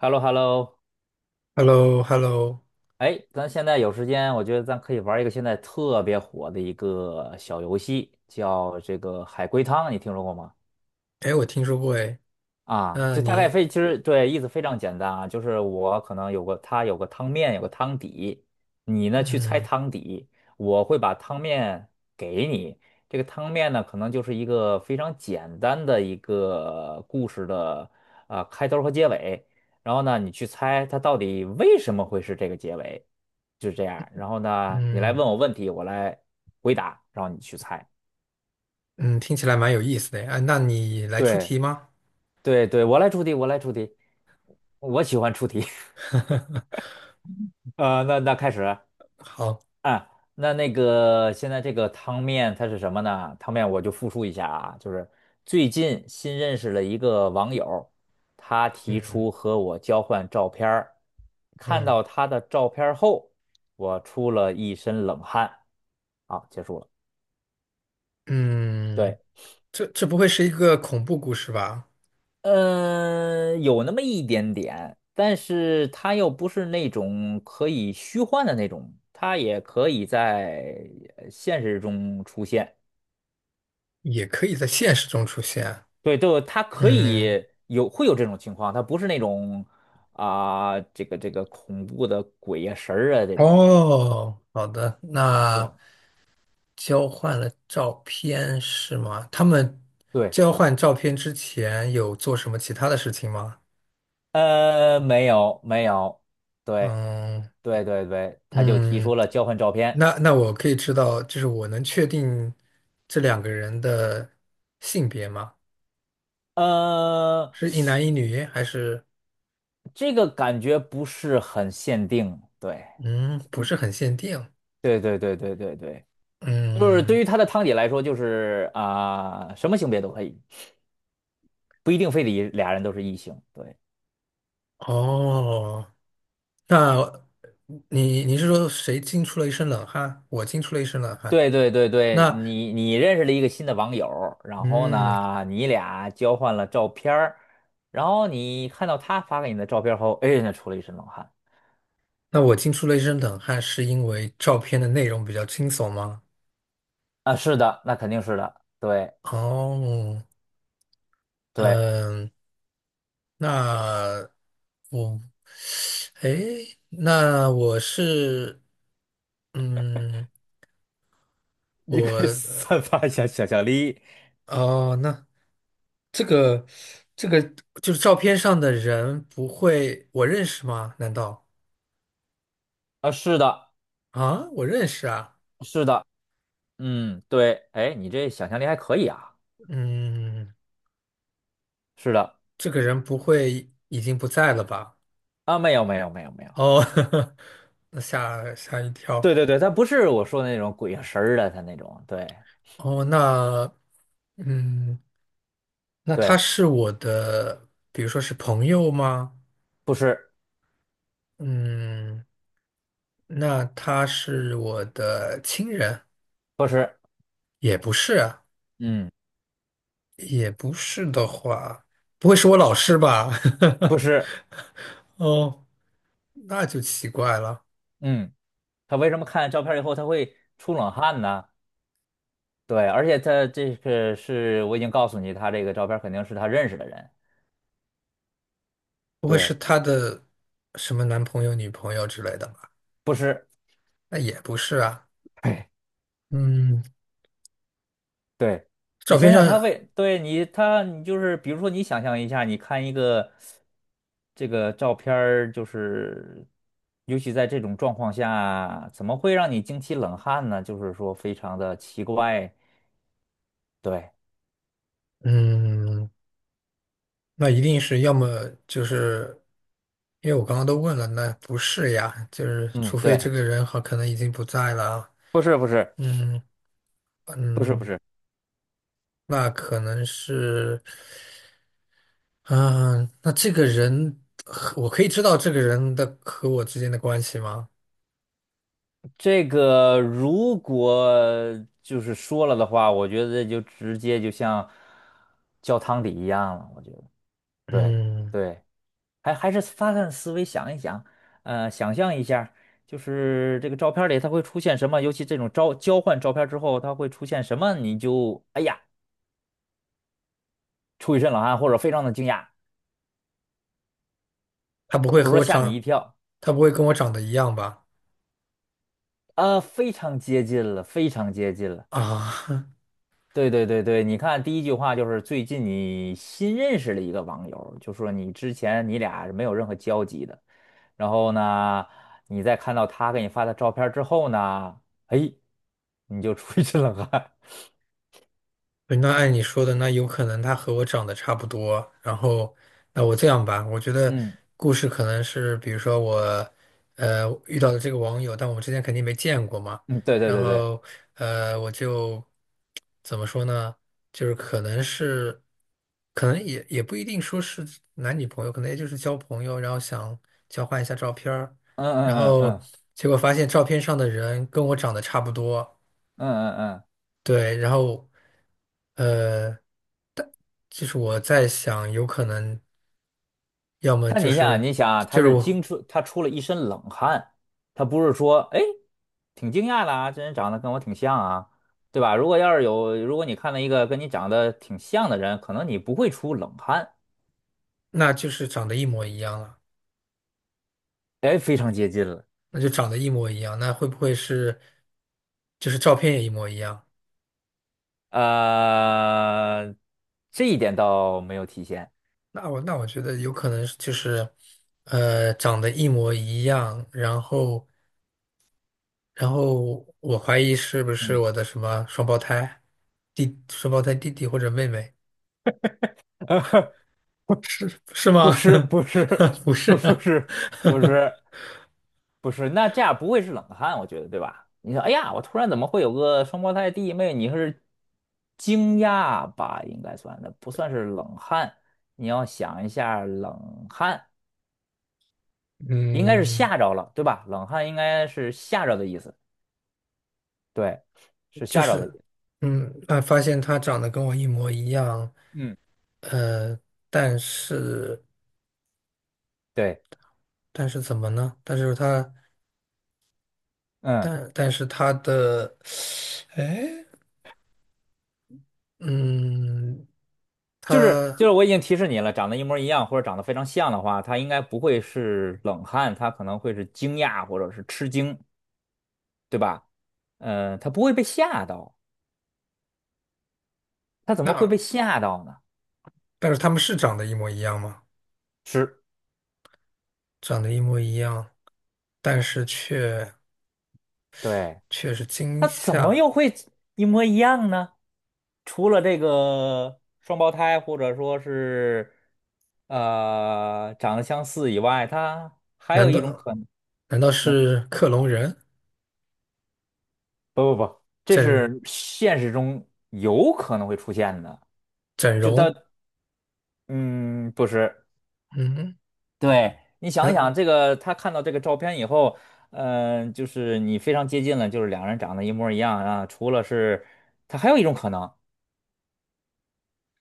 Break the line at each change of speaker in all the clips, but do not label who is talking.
h e l l o h e l l o
h e l l o h e l l o
哎，咱现在有时间，我觉得咱可以玩一个现在特别火的一个小游戏，叫这个海龟汤，你听说过吗？
哎，我听说过哎。
啊，
那
就大概
你，
非其实对意思非常简单啊，就是我可能有个它有个汤面，有个汤底，你呢去猜
嗯
汤底，我会把汤面给你。这个汤面呢，可能就是一个非常简单的一个故事的开头和结尾，然后呢你去猜它到底为什么会是这个结尾，就是这样。然后呢你来
嗯
问我问题，我来回答，然后你去猜。
嗯，听起来蛮有意思的哎，啊那你来出
对
题吗？
对对，我来出题，我来出题，我喜欢出题。那开始
好。
啊，那个现在这个汤面它是什么呢？汤面我就复述一下啊，就是最近新认识了一个网友，他提
嗯
出和我交换照片儿，看
嗯
到他的照片儿后，我出了一身冷汗。好，结束了。
嗯，
对，
这不会是一个恐怖故事吧？
嗯，有那么一点点，但是他又不是那种可以虚幻的那种，他也可以在现实中出现。
也可以在现实中出现。
对，就他可
嗯，
以会有这种情况，他不是那种这个恐怖的鬼呀、神儿啊这种。对
哦，好的，
对
那交换了照片是吗？他们
对，
交换照片之前有做什么其他的事情吗？
没有没有，对
嗯。
对对对，他就提
嗯，
出了交换照片，
那我可以知道，就是我能确定这两个人的性别吗？
呃，
是一男一女，还是
这个感觉不是很限定，对
嗯，不是很限定？
对对对对对对，就是
嗯，
对于他的汤姐来说，就是什么性别都可以，不一定非得俩人都是异性，对。
哦，那你是说谁惊出了一身冷汗？我惊出了一身冷汗。
对对对对，
那
你认识了一个新的网友儿，然后
嗯，
呢，你俩交换了照片儿，然后你看到他发给你的照片儿后，哎，那出了一身冷汗
那我惊出了一身冷汗，是因为照片的内容比较惊悚吗？
啊！是的，那肯定是的，对
哦，
对，
嗯，那我那我是，嗯，
你
我，
可以 散发一下想象力
哦，那这个，这个就是照片上的人不会我认识吗？难道
啊！是的，
啊，我认识啊。
是的，嗯，对，哎，你这想象力还可以啊！
嗯，
是的，
这个人不会已经不在了吧？
啊，没有没有没有没有，
哦，那吓一
对
跳。
对对，他不是我说的那种鬼神儿的，他那种，对
哦，嗯，那他
对，
是我的，比如说是朋友吗？
不是
嗯。那他是我的亲人，
不是，
也不是啊，
嗯，
也不是的话，不会是我老师吧？
不是，
哦，那就奇怪了，
嗯。他为什么看照片以后他会出冷汗呢？对，而且他这个是我已经告诉你，他这个照片肯定是他认识的人，
不会是
对，
他的什么男朋友、女朋友之类的吧？
不是，
那也不是啊。
对
嗯，
对，你
照片
想想他
上，
为，对你就是比如说你想象一下，你看一个这个照片儿，就是尤其在这种状况下，怎么会让你惊起冷汗呢？就是说非常的奇怪，对，
嗯，那一定是要么就是，因为我刚刚都问了，那不是呀，就是除
嗯，
非这
对，
个人好可能已经不在了啊。
不是不是
嗯
不是不
嗯，
是。
那可能是，嗯、那这个人和，我可以知道这个人的和我之间的关系吗？
这个如果就是说了的话，我觉得就直接就像浇汤底一样了。我觉得，对
嗯，
对，还是发散思维想一想，想象一下，就是这个照片里它会出现什么，尤其这种招交换照片之后，它会出现什么，你就哎呀出一身冷汗，或者非常的惊讶，
他不会
或者
和
说
我
吓你一
长，
跳
他不会跟我长得一样吧？
啊，非常接近了，非常接近了。
啊，
对对对对，你看第一句话就是最近你新认识了一个网友，就说你之前你俩是没有任何交集的，然后呢，你在看到他给你发的照片之后呢，哎，你就出一身冷汗。
对，那按你说的，那有可能他和我长得差不多。然后，那我这样吧，我觉得
嗯
故事可能是，比如说我，遇到的这个网友，但我们之前肯定没见过嘛。
嗯，对对
然
对对，
后，我就怎么说呢？就是可能是，可能也不一定说是男女朋友，可能也就是交朋友，然后想交换一下照片儿。
嗯
然
嗯嗯
后
嗯
结果发现照片上的人跟我长得差不多。
嗯嗯嗯。
对，然后，呃。就是我在想，有可能要么
但
就
你想，
是
你想啊
就是
他出了一身冷汗，他不是说，哎，挺惊讶的啊，这人长得跟我挺像啊，对吧？如果要是有，如果你看到一个跟你长得挺像的人，可能你不会出冷汗，
那就是长得一模一样了。
哎，非常接近了，
那就长得一模一样，那会不会是就是照片也一模一样？
呃，这一点倒没有体现，
那我觉得有可能是就是长得一模一样，然后我怀疑是不是
嗯，
我的什么双胞胎弟弟或者妹妹， 是吗？
不是，不是，
不 是
不
啊，
是，不是。不是，那这样不会是冷汗，我觉得，对吧？你说，哎呀，我突然怎么会有个双胞胎弟妹？你是惊讶吧？应该算的，不算是冷汗。你要想一下，冷汗 应该是
嗯。
吓着了，对吧？冷汗应该是吓着的意思，对，是
就
吓着的意
是
思。
发现他长得跟我一模一样。
嗯，
呃，但是
对，
但是怎么呢？但是他
嗯，
但但是他的，哎，嗯，
就是就
他
是，我已经提示你了，长得一模一样或者长得非常像的话，他应该不会是冷汗，他可能会是惊讶或者是吃惊，对吧？嗯，他不会被吓到。他怎么会
那
被吓到呢？
但是他们是长得一模一样吗？
是，
长得一模一样，但是却
对，
却是惊
他怎么
吓。
又会一模一样呢？除了这个双胞胎，或者说是长得相似以外，他还
难
有一种
道
可能，
难道是克隆人，
不不不，这
整
是现实中有可能会出现的。
整
就他，
容？
嗯，不是，
嗯，
对，你想一想，
嗯，
这个他看到这个照片以后。嗯，就是你非常接近了，就是两人长得一模一样啊。除了是，他还有一种可能，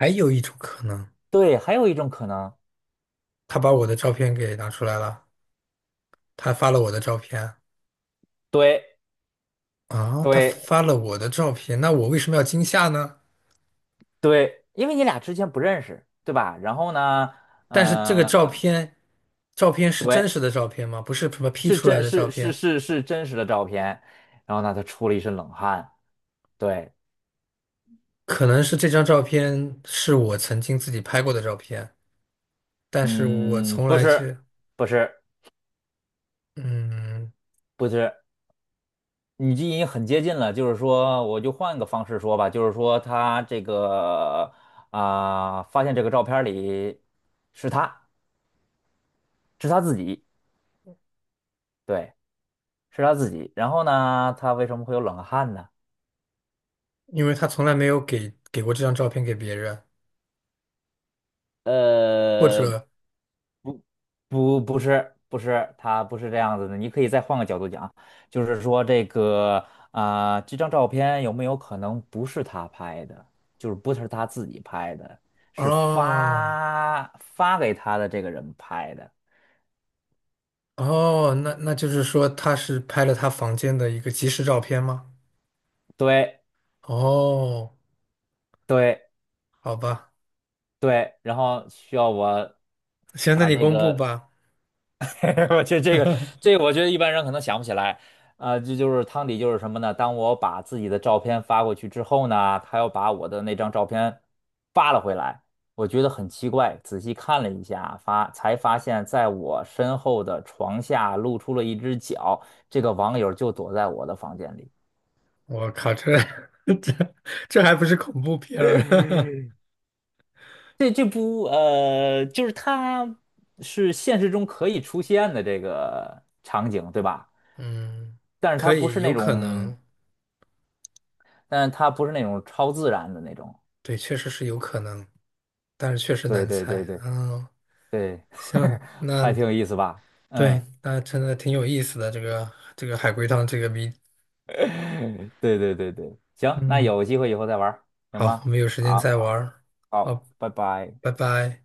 还有一种可能，
对，还有一种可能，
他把我的照片给拿出来了。他发了我的照片
对
啊，他
对
发了我的照片，那我为什么要惊吓呢？
对，因为你俩之前不认识，对吧？然后呢，
但是
呃，
照片是真
对，
实的照片吗？不是什么 P
是
出来
真
的照
是是
片。
是是真实的照片，然后呢，他出了一身冷汗，对，
可能是这张照片是我曾经自己拍过的照片，但是我
嗯，
从
不
来就，
是不是
嗯，
不是，你这已经很接近了，就是说，我就换个方式说吧，就是说他这个发现这个照片里是他是他自己，对，是他自己，然后呢，他为什么会有冷汗呢？
因为他从来没有给过这张照片给别人，或
呃，
者，
不，不，不是，不是，他不是这样子的。你可以再换个角度讲，就是说这个这张照片有没有可能不是他拍的，就是不是他自己拍的，是
哦，
发给他的这个人拍的。
哦，那就是说他是拍了他房间的一个即时照片吗？
对，
哦，
对，
好吧，
对。然后需要我
行，那
把
你
这
公布
个。
吧。
我觉得这个我觉得一般人可能想不起来，这就是汤底就是什么呢？当我把自己的照片发过去之后呢，他又把我的那张照片发了回来，我觉得很奇怪，仔细看了一下，才发现在我身后的床下露出了一只脚，这个网友就躲在我的房间里。
我靠，这这还不是恐怖片儿？
这不就是它是现实中可以出现的这个场景，对吧？
嗯，
但是它
可
不
以，
是那
有可
种。
能。
但是它不是那种超自然的那种。
对，确实是有可能，但是确实
对
难
对对
猜。
对
嗯，
对，
行，那
还挺有意思吧？
对，
嗯，
那真的挺有意思的这个海龟汤这个谜。
对对对对，行，那
嗯，
有机会以后再玩儿行
好，
吗？
我们有时间
好，
再玩
好，
儿。
好
好，
拜拜。
拜拜。